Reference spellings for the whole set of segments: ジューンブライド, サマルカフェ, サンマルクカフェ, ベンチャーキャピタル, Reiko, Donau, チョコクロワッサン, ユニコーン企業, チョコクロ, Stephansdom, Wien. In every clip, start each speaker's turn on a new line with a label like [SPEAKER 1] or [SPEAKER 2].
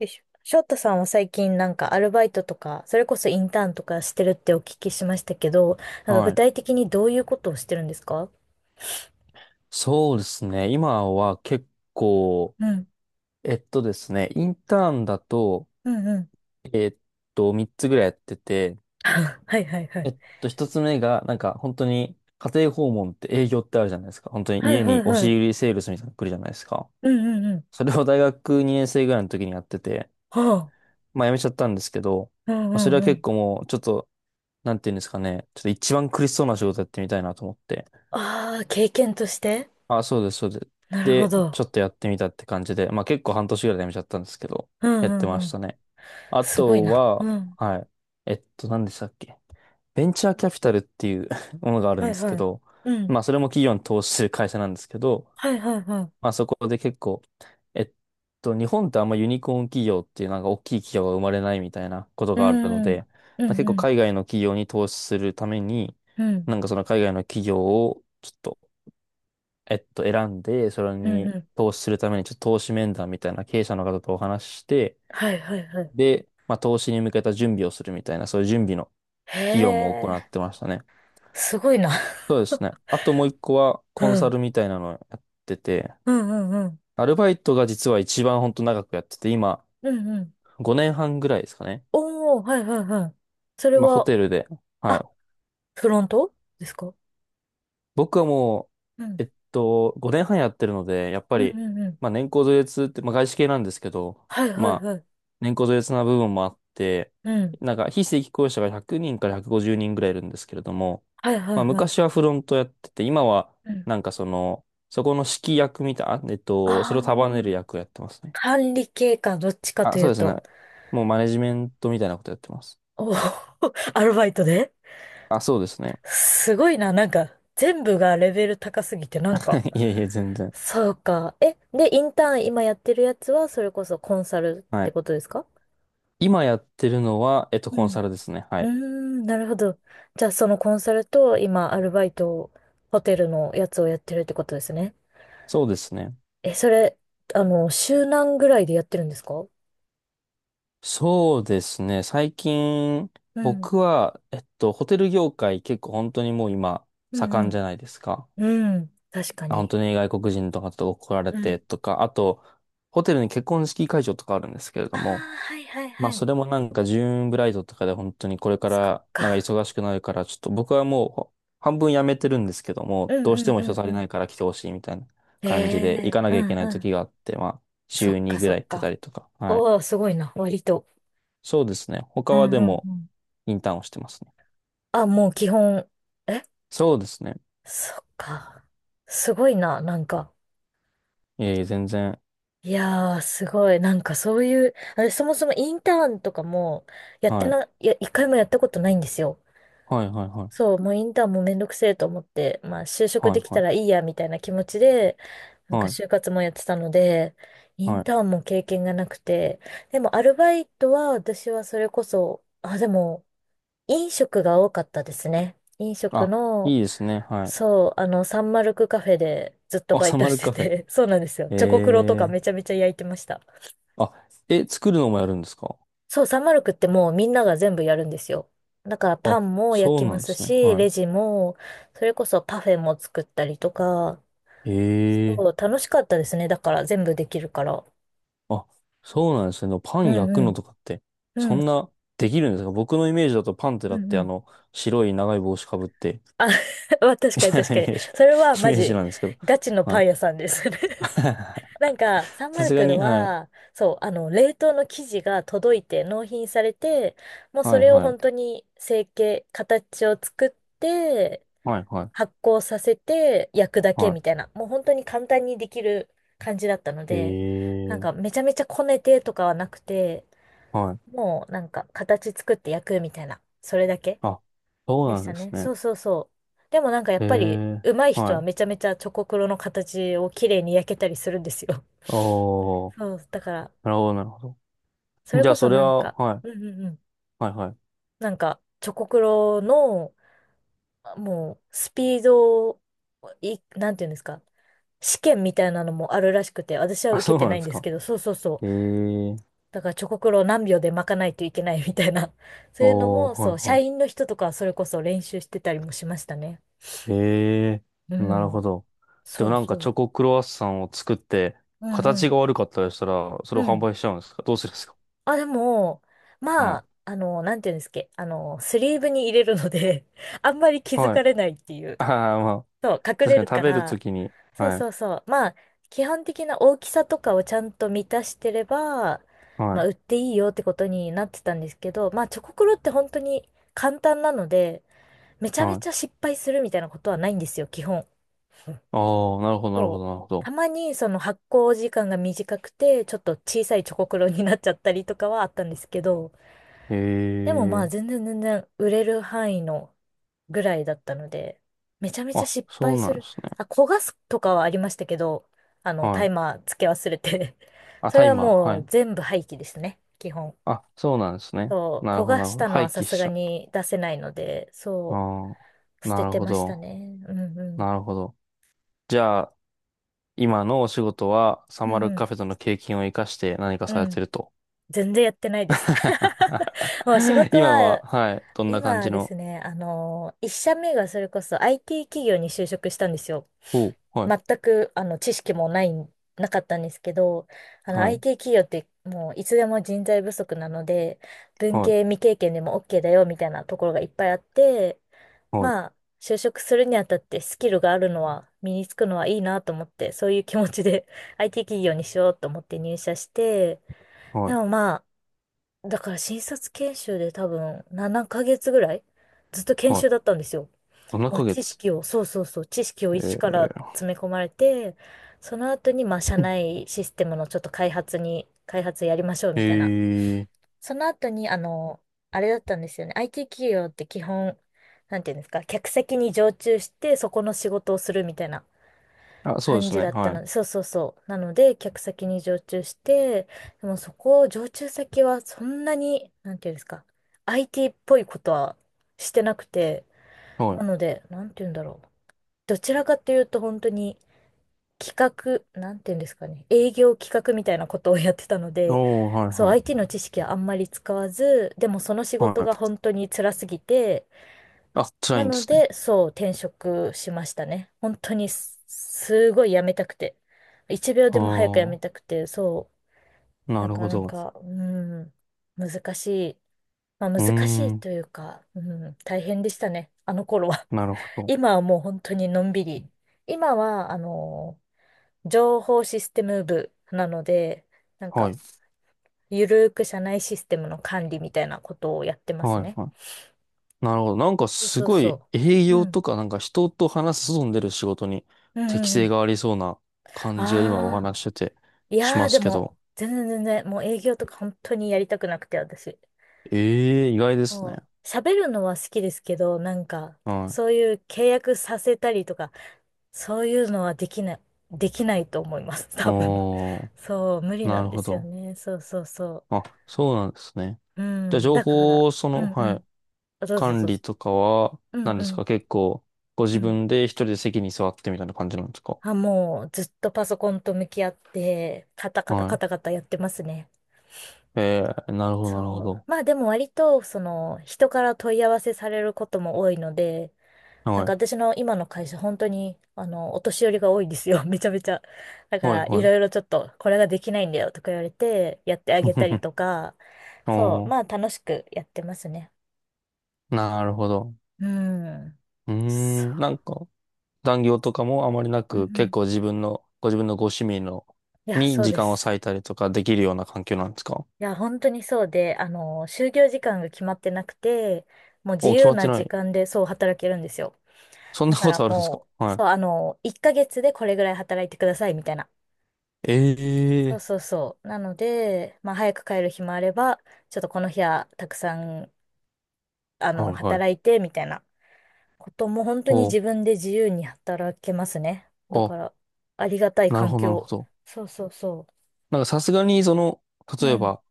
[SPEAKER 1] よいしょショットさんは最近アルバイトとか、それこそインターンとかしてるってお聞きしましたけど、具
[SPEAKER 2] はい。
[SPEAKER 1] 体的にどういうことをしてるんですか？
[SPEAKER 2] そうですね。今は結構、
[SPEAKER 1] うん。
[SPEAKER 2] えっとですね、インターンだと、
[SPEAKER 1] うんうん。
[SPEAKER 2] えっ3つぐらいやってて、
[SPEAKER 1] はいはいはい。
[SPEAKER 2] 一つ目が、なんか本当に家庭訪問って営業ってあるじゃないですか。本当に
[SPEAKER 1] はい
[SPEAKER 2] 家
[SPEAKER 1] は
[SPEAKER 2] に
[SPEAKER 1] い
[SPEAKER 2] 押
[SPEAKER 1] は
[SPEAKER 2] し
[SPEAKER 1] い。
[SPEAKER 2] 売りセールスみたいなの来るじゃないですか。
[SPEAKER 1] うんうんうん。
[SPEAKER 2] それを大学2年生ぐらいの時にやってて、
[SPEAKER 1] はあ。
[SPEAKER 2] まあ辞めちゃったんですけど、
[SPEAKER 1] うんう
[SPEAKER 2] まあ、それは
[SPEAKER 1] んう
[SPEAKER 2] 結
[SPEAKER 1] ん。
[SPEAKER 2] 構もう、ちょっと、なんていうんですかね、ちょっと一番苦しそうな仕事やってみたいなと思って、
[SPEAKER 1] ああ、経験として。
[SPEAKER 2] あ、そうです、そうです。
[SPEAKER 1] なるほ
[SPEAKER 2] で、ち
[SPEAKER 1] ど。
[SPEAKER 2] ょっとやってみたって感じで、まあ結構半年ぐらいでやめちゃったんですけど、
[SPEAKER 1] う
[SPEAKER 2] やって
[SPEAKER 1] んう
[SPEAKER 2] ま
[SPEAKER 1] んう
[SPEAKER 2] し
[SPEAKER 1] ん。
[SPEAKER 2] たね。あ
[SPEAKER 1] すごい
[SPEAKER 2] と
[SPEAKER 1] な。
[SPEAKER 2] は、
[SPEAKER 1] うん。
[SPEAKER 2] はい。何でしたっけ？ベンチャーキャピタルっていう ものがある
[SPEAKER 1] は
[SPEAKER 2] ん
[SPEAKER 1] い
[SPEAKER 2] です
[SPEAKER 1] は
[SPEAKER 2] け
[SPEAKER 1] い。
[SPEAKER 2] ど、
[SPEAKER 1] うん。
[SPEAKER 2] まあそれも企業に投資する会社なんですけど、
[SPEAKER 1] はいはいはい。
[SPEAKER 2] まあそこで結構、えっ日本ってあんまユニコーン企業っていうなんか大きい企業が生まれないみたいなこと
[SPEAKER 1] う
[SPEAKER 2] があるの
[SPEAKER 1] ん。
[SPEAKER 2] で、ま
[SPEAKER 1] う
[SPEAKER 2] あ
[SPEAKER 1] ん
[SPEAKER 2] 結
[SPEAKER 1] う
[SPEAKER 2] 構
[SPEAKER 1] ん。
[SPEAKER 2] 海外の企業に投資するために、
[SPEAKER 1] うん。
[SPEAKER 2] なんかその海外の企業をちょっと選んで、それ
[SPEAKER 1] うんう
[SPEAKER 2] に
[SPEAKER 1] ん。
[SPEAKER 2] 投資するために、ちょっと投資面談みたいな経営者の方とお話しして、
[SPEAKER 1] はいはいはい。
[SPEAKER 2] で、まあ、投資に向けた準備をするみたいな、そういう準備の
[SPEAKER 1] へ
[SPEAKER 2] 費用も行っ
[SPEAKER 1] え、
[SPEAKER 2] てましたね。
[SPEAKER 1] すごいな。
[SPEAKER 2] そうですね。あともう一個は、
[SPEAKER 1] う
[SPEAKER 2] コンサ
[SPEAKER 1] ん。
[SPEAKER 2] ルみたいなのをやってて、
[SPEAKER 1] うんうんうん。
[SPEAKER 2] アルバイトが実は一番本当長くやってて、今、
[SPEAKER 1] うんうん。
[SPEAKER 2] 5年半ぐらいですかね。
[SPEAKER 1] おー、はいはいはい。それ
[SPEAKER 2] まあ、ホ
[SPEAKER 1] は、
[SPEAKER 2] テルで、はい、
[SPEAKER 1] あ、フロントですか？
[SPEAKER 2] 僕はも
[SPEAKER 1] う
[SPEAKER 2] う、
[SPEAKER 1] ん。
[SPEAKER 2] 5年半やってるので、やっぱ
[SPEAKER 1] うん
[SPEAKER 2] り、
[SPEAKER 1] うんうん。
[SPEAKER 2] まあ年功序列って、まあ外資系なんですけど、
[SPEAKER 1] はいはい
[SPEAKER 2] まあ、
[SPEAKER 1] はい。
[SPEAKER 2] 年功序列な部分もあって、
[SPEAKER 1] うん。
[SPEAKER 2] なんか非正規雇用者が100人から150人ぐらいいるんですけれども、
[SPEAKER 1] はいは
[SPEAKER 2] ま
[SPEAKER 1] い
[SPEAKER 2] あ
[SPEAKER 1] はい。
[SPEAKER 2] 昔はフロントやってて、今は
[SPEAKER 1] うん。
[SPEAKER 2] なんかその、そこの指揮役みたいな、そ
[SPEAKER 1] あ
[SPEAKER 2] れを束ねる
[SPEAKER 1] あ、
[SPEAKER 2] 役をやってますね。
[SPEAKER 1] 管理系か、どっちかと
[SPEAKER 2] あ、
[SPEAKER 1] い
[SPEAKER 2] そう
[SPEAKER 1] う
[SPEAKER 2] ですね。
[SPEAKER 1] と。
[SPEAKER 2] もうマネジメントみたいなことやってます。
[SPEAKER 1] おー、アルバイトで。
[SPEAKER 2] あ、そうですね。
[SPEAKER 1] すごいな、全部がレベル高すぎて、
[SPEAKER 2] いえいえ、全然。
[SPEAKER 1] そうか。え、で、インターン今やってるやつは、それこそコンサルっ
[SPEAKER 2] は
[SPEAKER 1] て
[SPEAKER 2] い。
[SPEAKER 1] ことですか？
[SPEAKER 2] 今やってるのは、
[SPEAKER 1] う
[SPEAKER 2] コンサ
[SPEAKER 1] ん。
[SPEAKER 2] ルですね。は
[SPEAKER 1] うー
[SPEAKER 2] い。
[SPEAKER 1] ん、なるほど。じゃあ、そのコンサルと、今、アルバイト、ホテルのやつをやってるってことですね。
[SPEAKER 2] そうですね。
[SPEAKER 1] え、それ、あの、週何ぐらいでやってるんですか？
[SPEAKER 2] そうですね。最近、
[SPEAKER 1] うん、
[SPEAKER 2] 僕は、ホテル業界結構本当にもう今、
[SPEAKER 1] うん、
[SPEAKER 2] 盛んじゃないですか。
[SPEAKER 1] うん。うん、確か
[SPEAKER 2] 本
[SPEAKER 1] に。
[SPEAKER 2] 当に外国人とかと怒られ
[SPEAKER 1] う
[SPEAKER 2] て
[SPEAKER 1] ん。
[SPEAKER 2] とか、あと、ホテルに結婚式会場とかあるんですけれ
[SPEAKER 1] あ
[SPEAKER 2] ど
[SPEAKER 1] あ、
[SPEAKER 2] も、
[SPEAKER 1] はいはい
[SPEAKER 2] まあ
[SPEAKER 1] はい。
[SPEAKER 2] それもなんかジューンブライドとかで本当にこれか
[SPEAKER 1] そっ
[SPEAKER 2] らなんか
[SPEAKER 1] か。
[SPEAKER 2] 忙しくなるから、ちょっと僕はもう半分やめてるんですけども、
[SPEAKER 1] うん、
[SPEAKER 2] どうし
[SPEAKER 1] う
[SPEAKER 2] て
[SPEAKER 1] ん、
[SPEAKER 2] も
[SPEAKER 1] う
[SPEAKER 2] 人
[SPEAKER 1] ん、
[SPEAKER 2] 足
[SPEAKER 1] う
[SPEAKER 2] りな
[SPEAKER 1] ん。
[SPEAKER 2] いから来てほしいみたいな
[SPEAKER 1] え
[SPEAKER 2] 感じで行
[SPEAKER 1] え、
[SPEAKER 2] かなきゃ
[SPEAKER 1] う
[SPEAKER 2] いけ
[SPEAKER 1] ん、
[SPEAKER 2] ない
[SPEAKER 1] う
[SPEAKER 2] 時
[SPEAKER 1] ん。
[SPEAKER 2] があって、まあ
[SPEAKER 1] そ
[SPEAKER 2] 週
[SPEAKER 1] っか、
[SPEAKER 2] 2ぐ
[SPEAKER 1] そ
[SPEAKER 2] ら
[SPEAKER 1] っ
[SPEAKER 2] い行って
[SPEAKER 1] か。
[SPEAKER 2] たりとか。はい。
[SPEAKER 1] おー、すごいな、割と。
[SPEAKER 2] そうですね。他
[SPEAKER 1] う
[SPEAKER 2] は
[SPEAKER 1] ん、
[SPEAKER 2] で
[SPEAKER 1] うん、
[SPEAKER 2] も、
[SPEAKER 1] うん。
[SPEAKER 2] インターンをしてますね。
[SPEAKER 1] あ、もう基本。え、
[SPEAKER 2] そうですね。
[SPEAKER 1] そっか。すごいな、
[SPEAKER 2] ええ、全然。
[SPEAKER 1] いやー、すごい。そういう、私そもそもインターンとかも、やって
[SPEAKER 2] はい。
[SPEAKER 1] な、いや、一回もやったことないんですよ。
[SPEAKER 2] はい、はい、はい。
[SPEAKER 1] そう、もうインターンもめんどくせえと思って、まあ就職
[SPEAKER 2] は
[SPEAKER 1] で
[SPEAKER 2] い、
[SPEAKER 1] きた
[SPEAKER 2] は
[SPEAKER 1] ら
[SPEAKER 2] い。
[SPEAKER 1] いいや、みたいな気持ちで、
[SPEAKER 2] はい、
[SPEAKER 1] 就活もやってたので、イ
[SPEAKER 2] は
[SPEAKER 1] ン
[SPEAKER 2] い。
[SPEAKER 1] ターンも経験がなくて、でもアルバイトは私はそれこそ、あ、でも、飲食が多かったですね。飲食
[SPEAKER 2] あ、
[SPEAKER 1] の、
[SPEAKER 2] いいですね。はい。
[SPEAKER 1] そう、あの、サンマルクカフェでずっと
[SPEAKER 2] あ、
[SPEAKER 1] バ
[SPEAKER 2] サ
[SPEAKER 1] イト
[SPEAKER 2] マ
[SPEAKER 1] し
[SPEAKER 2] ル
[SPEAKER 1] て
[SPEAKER 2] カフェ。
[SPEAKER 1] て、そうなんですよ。チョコクロとか
[SPEAKER 2] ええ。
[SPEAKER 1] めちゃめちゃ焼いてました。
[SPEAKER 2] あ、え、作るのもやるんですか？
[SPEAKER 1] そう、マルクってもうみんなが全部やるんですよ。だからパ
[SPEAKER 2] あ、
[SPEAKER 1] ンも焼
[SPEAKER 2] そ
[SPEAKER 1] き
[SPEAKER 2] うな
[SPEAKER 1] ま
[SPEAKER 2] んで
[SPEAKER 1] す
[SPEAKER 2] すね。
[SPEAKER 1] し、
[SPEAKER 2] は
[SPEAKER 1] レジも、それこそパフェも作ったりとか、
[SPEAKER 2] い。え
[SPEAKER 1] そ
[SPEAKER 2] え。
[SPEAKER 1] う、楽しかったですね。だから全部できるから。
[SPEAKER 2] あ、そうなんですね。パ
[SPEAKER 1] う
[SPEAKER 2] ン
[SPEAKER 1] ん
[SPEAKER 2] 焼くの
[SPEAKER 1] う
[SPEAKER 2] とかって、
[SPEAKER 1] ん。
[SPEAKER 2] そ
[SPEAKER 1] うん、
[SPEAKER 2] んな、できるんですか？僕のイメージだとパンってだ
[SPEAKER 1] う
[SPEAKER 2] っ
[SPEAKER 1] んう
[SPEAKER 2] て、あ
[SPEAKER 1] ん。
[SPEAKER 2] の、白い長い帽子かぶって、
[SPEAKER 1] あ、まあ確
[SPEAKER 2] み
[SPEAKER 1] かに
[SPEAKER 2] たいな
[SPEAKER 1] 確か
[SPEAKER 2] イ
[SPEAKER 1] に。
[SPEAKER 2] メージ、
[SPEAKER 1] それは
[SPEAKER 2] イ
[SPEAKER 1] マ
[SPEAKER 2] メージ
[SPEAKER 1] ジ、
[SPEAKER 2] なんですけど。
[SPEAKER 1] ガチのパ
[SPEAKER 2] はい。
[SPEAKER 1] ン屋さんです。
[SPEAKER 2] さすが
[SPEAKER 1] 309
[SPEAKER 2] に、はい。
[SPEAKER 1] は、そう、あの、冷凍の生地が届いて納品されて、もうそ
[SPEAKER 2] はい
[SPEAKER 1] れを
[SPEAKER 2] は
[SPEAKER 1] 本当
[SPEAKER 2] い。
[SPEAKER 1] に成形、形を作って、
[SPEAKER 2] はいはい。
[SPEAKER 1] 発酵させて焼くだけみた
[SPEAKER 2] は
[SPEAKER 1] いな、もう本当に簡単にできる感じだったの
[SPEAKER 2] い。え
[SPEAKER 1] で、
[SPEAKER 2] え。
[SPEAKER 1] めちゃめちゃこねてとかはなくて、
[SPEAKER 2] はい。
[SPEAKER 1] もう形作って焼くみたいな、それだけ
[SPEAKER 2] あ、そう
[SPEAKER 1] でし
[SPEAKER 2] なん
[SPEAKER 1] た
[SPEAKER 2] です
[SPEAKER 1] ね。
[SPEAKER 2] ね。
[SPEAKER 1] そうそうそう。でもやっ
[SPEAKER 2] え
[SPEAKER 1] ぱり
[SPEAKER 2] え。
[SPEAKER 1] 上手い人
[SPEAKER 2] は
[SPEAKER 1] は
[SPEAKER 2] い。
[SPEAKER 1] めちゃめちゃチョコクロの形を綺麗に焼けたりするんですよ。
[SPEAKER 2] おー。
[SPEAKER 1] そう、だから、
[SPEAKER 2] なるほど、なるほ
[SPEAKER 1] そ
[SPEAKER 2] ど。
[SPEAKER 1] れ
[SPEAKER 2] じゃあ、
[SPEAKER 1] こそ、
[SPEAKER 2] それは、はい。
[SPEAKER 1] うんうんうん。
[SPEAKER 2] はいはい。
[SPEAKER 1] チョコクロの、もう、スピードを、い、なんていうんですか。試験みたいなのもあるらしくて、私は
[SPEAKER 2] あ、
[SPEAKER 1] 受け
[SPEAKER 2] そう
[SPEAKER 1] て
[SPEAKER 2] なん
[SPEAKER 1] な
[SPEAKER 2] で
[SPEAKER 1] いん
[SPEAKER 2] す
[SPEAKER 1] です
[SPEAKER 2] か？
[SPEAKER 1] けど、そうそうそ
[SPEAKER 2] え
[SPEAKER 1] う。
[SPEAKER 2] え。
[SPEAKER 1] だからチョコクロを何秒で巻かないといけないみたいな。そういうの
[SPEAKER 2] お
[SPEAKER 1] も、
[SPEAKER 2] ー、は
[SPEAKER 1] そ
[SPEAKER 2] い
[SPEAKER 1] う、社
[SPEAKER 2] は
[SPEAKER 1] 員の人とかはそれこそ練習してたりもしましたね。
[SPEAKER 2] い。え
[SPEAKER 1] う
[SPEAKER 2] え。なるほ
[SPEAKER 1] ん。
[SPEAKER 2] ど。でも
[SPEAKER 1] そう
[SPEAKER 2] なん
[SPEAKER 1] そ
[SPEAKER 2] かチ
[SPEAKER 1] う。
[SPEAKER 2] ョコクロワッサンを作って、
[SPEAKER 1] うんう
[SPEAKER 2] 形
[SPEAKER 1] ん。
[SPEAKER 2] が悪かったりしたら、そ
[SPEAKER 1] う
[SPEAKER 2] れを販
[SPEAKER 1] ん。
[SPEAKER 2] 売しちゃうんですか？どうするんですか？
[SPEAKER 1] あ、でも、
[SPEAKER 2] は
[SPEAKER 1] ま
[SPEAKER 2] い。
[SPEAKER 1] あ、あの、なんていうんですっけ、あの、スリーブに入れるので あんまり気づ
[SPEAKER 2] は
[SPEAKER 1] か
[SPEAKER 2] い。
[SPEAKER 1] れないってい う。
[SPEAKER 2] ああ、まあ、
[SPEAKER 1] そう、隠
[SPEAKER 2] 確
[SPEAKER 1] れ
[SPEAKER 2] かに
[SPEAKER 1] る
[SPEAKER 2] 食
[SPEAKER 1] か
[SPEAKER 2] べると
[SPEAKER 1] ら、
[SPEAKER 2] きに、
[SPEAKER 1] そう
[SPEAKER 2] はい。
[SPEAKER 1] そうそう。まあ、基本的な大きさとかをちゃんと満たしてれば、
[SPEAKER 2] は
[SPEAKER 1] まあ、
[SPEAKER 2] い。
[SPEAKER 1] 売っていいよってことになってたんですけど、まあ、チョコクロって本当に簡単なので、めちゃめ
[SPEAKER 2] はい。
[SPEAKER 1] ちゃ失敗するみたいなことはないんですよ、基本。
[SPEAKER 2] ああ、なるほど、なる
[SPEAKER 1] そ
[SPEAKER 2] ほど、
[SPEAKER 1] う。
[SPEAKER 2] なるほ
[SPEAKER 1] た
[SPEAKER 2] ど。
[SPEAKER 1] まにその発酵時間が短くて、ちょっと小さいチョコクロになっちゃったりとかはあったんですけど、でもまあ、
[SPEAKER 2] ええ。
[SPEAKER 1] 全然全然売れる範囲のぐらいだったので、めちゃめちゃ
[SPEAKER 2] あ、
[SPEAKER 1] 失
[SPEAKER 2] そ
[SPEAKER 1] 敗
[SPEAKER 2] うな
[SPEAKER 1] す
[SPEAKER 2] んで
[SPEAKER 1] る。
[SPEAKER 2] すね。
[SPEAKER 1] あ、焦がすとかはありましたけど、あの、
[SPEAKER 2] は
[SPEAKER 1] タイ
[SPEAKER 2] い。
[SPEAKER 1] マーつけ忘れて。
[SPEAKER 2] あ、
[SPEAKER 1] そ
[SPEAKER 2] タ
[SPEAKER 1] れ
[SPEAKER 2] イ
[SPEAKER 1] は
[SPEAKER 2] マー、は
[SPEAKER 1] もう
[SPEAKER 2] い。
[SPEAKER 1] 全部廃棄ですね、基本。
[SPEAKER 2] あ、そうなんですね。
[SPEAKER 1] そう、
[SPEAKER 2] なる
[SPEAKER 1] 焦
[SPEAKER 2] ほど、
[SPEAKER 1] が
[SPEAKER 2] なる
[SPEAKER 1] し
[SPEAKER 2] ほど。
[SPEAKER 1] たのは
[SPEAKER 2] 廃
[SPEAKER 1] さ
[SPEAKER 2] 棄
[SPEAKER 1] す
[SPEAKER 2] しち
[SPEAKER 1] が
[SPEAKER 2] ゃうと。
[SPEAKER 1] に出せないので、そ
[SPEAKER 2] ああ、
[SPEAKER 1] う、捨
[SPEAKER 2] な
[SPEAKER 1] て
[SPEAKER 2] る
[SPEAKER 1] て
[SPEAKER 2] ほ
[SPEAKER 1] ました
[SPEAKER 2] ど、
[SPEAKER 1] ね。うんうん。
[SPEAKER 2] なるほど。じゃあ、今のお仕事は、サ
[SPEAKER 1] う
[SPEAKER 2] マル
[SPEAKER 1] ん
[SPEAKER 2] カフェとの経験を生かして何か
[SPEAKER 1] うん。
[SPEAKER 2] され
[SPEAKER 1] う
[SPEAKER 2] て
[SPEAKER 1] ん。
[SPEAKER 2] ると。
[SPEAKER 1] 全然やってないです。もう仕 事
[SPEAKER 2] 今は、
[SPEAKER 1] は、
[SPEAKER 2] はい、どんな感
[SPEAKER 1] 今
[SPEAKER 2] じ
[SPEAKER 1] です
[SPEAKER 2] の、
[SPEAKER 1] ね、あの、一社目がそれこそ IT 企業に就職したんですよ。
[SPEAKER 2] お、はい、
[SPEAKER 1] 全く、あの、知識もない、なかったんですけど、あの、
[SPEAKER 2] はい、
[SPEAKER 1] IT 企業ってもういつでも人材不足なので、文
[SPEAKER 2] はい、
[SPEAKER 1] 系未経験でも OK だよみたいなところがいっぱいあって、
[SPEAKER 2] はい、
[SPEAKER 1] まあ、就職するにあたってスキルがあるのは、身につくのはいいなと思って、そういう気持ちで IT 企業にしようと思って入社して、
[SPEAKER 2] は
[SPEAKER 1] で
[SPEAKER 2] い、
[SPEAKER 1] もまあ、だから新卒研修で多分7ヶ月ぐらいずっと研
[SPEAKER 2] は
[SPEAKER 1] 修だったんですよ。
[SPEAKER 2] い。7
[SPEAKER 1] もう
[SPEAKER 2] ヶ
[SPEAKER 1] 知
[SPEAKER 2] 月。
[SPEAKER 1] 識を、そうそうそう、知識を一か
[SPEAKER 2] え
[SPEAKER 1] ら詰め込まれて、その後に、まあ、社
[SPEAKER 2] ー、
[SPEAKER 1] 内システムのちょっと開発に、開発やりましょう
[SPEAKER 2] え
[SPEAKER 1] みたいな。
[SPEAKER 2] ー、
[SPEAKER 1] その後に、あの、あれだったんですよね。IT 企業って基本、なんていうんですか、客席に常駐して、そこの仕事をするみたいな
[SPEAKER 2] あ、そうで
[SPEAKER 1] 感
[SPEAKER 2] す
[SPEAKER 1] じ
[SPEAKER 2] ね、
[SPEAKER 1] だった
[SPEAKER 2] は
[SPEAKER 1] の
[SPEAKER 2] い、
[SPEAKER 1] で、そうそうそう。なので、客先に常駐して、でもそこ、常駐先はそんなに、なんていうんですか、IT っぽいことはしてなくて、
[SPEAKER 2] は
[SPEAKER 1] な
[SPEAKER 2] い。
[SPEAKER 1] ので、なんていうんだろう。どちらかというと本当に企画、なんていうんですかね、営業企画みたいなことをやってたので、
[SPEAKER 2] おー、はい、
[SPEAKER 1] そう、
[SPEAKER 2] はい、
[SPEAKER 1] IT の知識はあんまり使わず、でもその仕
[SPEAKER 2] は
[SPEAKER 1] 事が
[SPEAKER 2] い。
[SPEAKER 1] 本当に辛すぎて、
[SPEAKER 2] あ、辛
[SPEAKER 1] な
[SPEAKER 2] いんで
[SPEAKER 1] の
[SPEAKER 2] すね。
[SPEAKER 1] で、そう、転職しましたね。本当にす、すごい辞めたくて。一秒でも早く辞め
[SPEAKER 2] ああ、
[SPEAKER 1] たくて、そう、
[SPEAKER 2] な
[SPEAKER 1] な
[SPEAKER 2] る
[SPEAKER 1] か
[SPEAKER 2] ほ
[SPEAKER 1] な
[SPEAKER 2] ど。
[SPEAKER 1] か、うん、難しい。まあ
[SPEAKER 2] う
[SPEAKER 1] 難
[SPEAKER 2] ー
[SPEAKER 1] しい
[SPEAKER 2] ん、
[SPEAKER 1] というか、うん、大変でしたね、あの頃は。
[SPEAKER 2] なるほ ど。
[SPEAKER 1] 今はもう本当にのんびり。今は、あの、情報システム部なので、なん
[SPEAKER 2] は
[SPEAKER 1] か、
[SPEAKER 2] い。
[SPEAKER 1] ゆるーく社内システムの管理みたいなことをやってます
[SPEAKER 2] はい、
[SPEAKER 1] ね。
[SPEAKER 2] はい。なるほど。なんか
[SPEAKER 1] そう
[SPEAKER 2] す
[SPEAKER 1] そう
[SPEAKER 2] ごい
[SPEAKER 1] そ
[SPEAKER 2] 営
[SPEAKER 1] う。う
[SPEAKER 2] 業と
[SPEAKER 1] ん。
[SPEAKER 2] かなんか人と話す進んでる仕事に
[SPEAKER 1] うん
[SPEAKER 2] 適
[SPEAKER 1] うんう
[SPEAKER 2] 性
[SPEAKER 1] ん。
[SPEAKER 2] がありそうな感じが今お
[SPEAKER 1] ああ、
[SPEAKER 2] 話してて
[SPEAKER 1] い
[SPEAKER 2] し
[SPEAKER 1] や
[SPEAKER 2] ま
[SPEAKER 1] ーで
[SPEAKER 2] すけど。
[SPEAKER 1] も、全然全然、もう営業とか本当にやりたくなくて、私。
[SPEAKER 2] ええ、意外です
[SPEAKER 1] も
[SPEAKER 2] ね。
[SPEAKER 1] う、喋るのは好きですけど、
[SPEAKER 2] はい。
[SPEAKER 1] そういう契約させたりとか、そういうのはできない、できないと思います、多分。
[SPEAKER 2] おー、
[SPEAKER 1] そう、無理な
[SPEAKER 2] な
[SPEAKER 1] ん
[SPEAKER 2] る
[SPEAKER 1] で
[SPEAKER 2] ほ
[SPEAKER 1] すよ
[SPEAKER 2] ど。
[SPEAKER 1] ね。そうそうそ
[SPEAKER 2] あ、そうなんですね。
[SPEAKER 1] う。う
[SPEAKER 2] じゃあ
[SPEAKER 1] ん、
[SPEAKER 2] 情
[SPEAKER 1] だから、
[SPEAKER 2] 報、そ
[SPEAKER 1] う
[SPEAKER 2] の、
[SPEAKER 1] んう
[SPEAKER 2] はい、
[SPEAKER 1] ん。あどうぞ
[SPEAKER 2] 管
[SPEAKER 1] どうぞ。
[SPEAKER 2] 理とかは、
[SPEAKER 1] うん
[SPEAKER 2] 何
[SPEAKER 1] う
[SPEAKER 2] です
[SPEAKER 1] ん
[SPEAKER 2] か？結構、ご
[SPEAKER 1] う
[SPEAKER 2] 自
[SPEAKER 1] ん。
[SPEAKER 2] 分で一人で席に座ってみたいな感じなんですか？
[SPEAKER 1] あ、もうずっとパソコンと向き合って、カタカタカ
[SPEAKER 2] は
[SPEAKER 1] タカタやってますね。
[SPEAKER 2] い。えー、なるほど、
[SPEAKER 1] そ
[SPEAKER 2] なるほ
[SPEAKER 1] う。
[SPEAKER 2] ど。
[SPEAKER 1] まあでも割と、その、人から問い合わせされることも多いので、
[SPEAKER 2] はい。
[SPEAKER 1] 私の今の会社、本当に、あの、お年寄りが多いんですよ。めちゃめちゃ。だか
[SPEAKER 2] はい、
[SPEAKER 1] ら、い
[SPEAKER 2] は
[SPEAKER 1] ろい
[SPEAKER 2] い。
[SPEAKER 1] ろちょっと、これができないんだよとか言われて、やってあげたりと か、そう。
[SPEAKER 2] お
[SPEAKER 1] まあ楽しくやってますね。
[SPEAKER 2] ー、なるほど。
[SPEAKER 1] うん。
[SPEAKER 2] うー
[SPEAKER 1] そ
[SPEAKER 2] ん、なんか、残業とかもあまりな
[SPEAKER 1] う。うんう
[SPEAKER 2] く、結
[SPEAKER 1] ん。
[SPEAKER 2] 構自分の、ご自分のご趣味の、
[SPEAKER 1] いや、
[SPEAKER 2] に
[SPEAKER 1] そう
[SPEAKER 2] 時
[SPEAKER 1] で
[SPEAKER 2] 間を
[SPEAKER 1] す。
[SPEAKER 2] 割いたりとかできるような環境なんですか？
[SPEAKER 1] いや、本当にそうで、あの、就業時間が決まってなくて、もう自
[SPEAKER 2] お、決
[SPEAKER 1] 由
[SPEAKER 2] まっ
[SPEAKER 1] な
[SPEAKER 2] てな
[SPEAKER 1] 時
[SPEAKER 2] い。
[SPEAKER 1] 間でそう働けるんですよ。
[SPEAKER 2] そん
[SPEAKER 1] だ
[SPEAKER 2] な
[SPEAKER 1] か
[SPEAKER 2] こ
[SPEAKER 1] ら
[SPEAKER 2] とあるんですか？
[SPEAKER 1] もう、
[SPEAKER 2] は
[SPEAKER 1] そう、あの、1ヶ月でこれぐらい働いてくださいみたいな。そう
[SPEAKER 2] い。え
[SPEAKER 1] そう
[SPEAKER 2] え
[SPEAKER 1] そう。なので、まあ、早く帰る日もあれば、ちょっとこの日はたくさん、あ
[SPEAKER 2] ー、
[SPEAKER 1] の、
[SPEAKER 2] はい、はい。
[SPEAKER 1] 働いてみたいなことも本当に
[SPEAKER 2] お、
[SPEAKER 1] 自分で自由に働けますね。だ
[SPEAKER 2] あ、
[SPEAKER 1] から、ありがたい
[SPEAKER 2] なる
[SPEAKER 1] 環
[SPEAKER 2] ほど、なるほ
[SPEAKER 1] 境。
[SPEAKER 2] ど。
[SPEAKER 1] そうそうそ
[SPEAKER 2] なんかさすがに、その、
[SPEAKER 1] う。う
[SPEAKER 2] 例え
[SPEAKER 1] ん。
[SPEAKER 2] ば、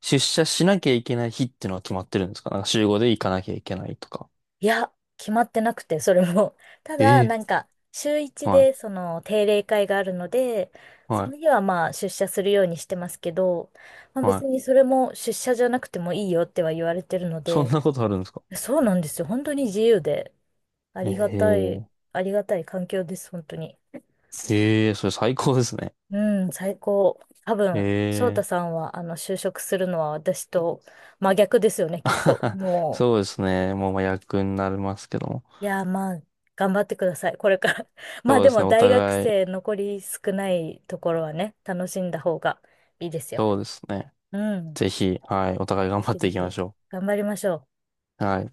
[SPEAKER 2] 出社しなきゃいけない日っていうのは決まってるんですか？なんか週5で行かなきゃいけないとか。
[SPEAKER 1] いや、決まってなくて、それも。ただ、
[SPEAKER 2] ええ
[SPEAKER 1] 週
[SPEAKER 2] ー
[SPEAKER 1] 一
[SPEAKER 2] はい、
[SPEAKER 1] で、その、定例会があるので、
[SPEAKER 2] は
[SPEAKER 1] その
[SPEAKER 2] い、
[SPEAKER 1] 日はまあ、出社するようにしてますけど、まあ
[SPEAKER 2] は
[SPEAKER 1] 別
[SPEAKER 2] い。
[SPEAKER 1] にそれも出社じゃなくてもいいよっては言われてるの
[SPEAKER 2] そん
[SPEAKER 1] で、
[SPEAKER 2] なことあるんですか？
[SPEAKER 1] そうなんですよ。本当に自由で、ありがたい、
[SPEAKER 2] ええ。
[SPEAKER 1] ありがたい環境です、本当に。
[SPEAKER 2] ええ、それ最高ですね。
[SPEAKER 1] うん、最高。多
[SPEAKER 2] え
[SPEAKER 1] 分、翔太
[SPEAKER 2] え。
[SPEAKER 1] さんは、あの、就職するのは私と真逆ですよね、きっと。も
[SPEAKER 2] そう
[SPEAKER 1] う、
[SPEAKER 2] ですね。もうまあ役になりますけども。
[SPEAKER 1] いやー、まあ、頑張ってください、これから。まあ
[SPEAKER 2] そう
[SPEAKER 1] で
[SPEAKER 2] です
[SPEAKER 1] も、
[SPEAKER 2] ね。お
[SPEAKER 1] 大学
[SPEAKER 2] 互い、
[SPEAKER 1] 生残り少ないところはね、楽しんだ方がいいですよ。
[SPEAKER 2] そうですね。
[SPEAKER 1] うん。
[SPEAKER 2] ぜひ、はい、お互い頑
[SPEAKER 1] ぜ
[SPEAKER 2] 張っ
[SPEAKER 1] ひぜ
[SPEAKER 2] ていきま
[SPEAKER 1] ひ、
[SPEAKER 2] しょ
[SPEAKER 1] 頑張りましょう。
[SPEAKER 2] う。はい。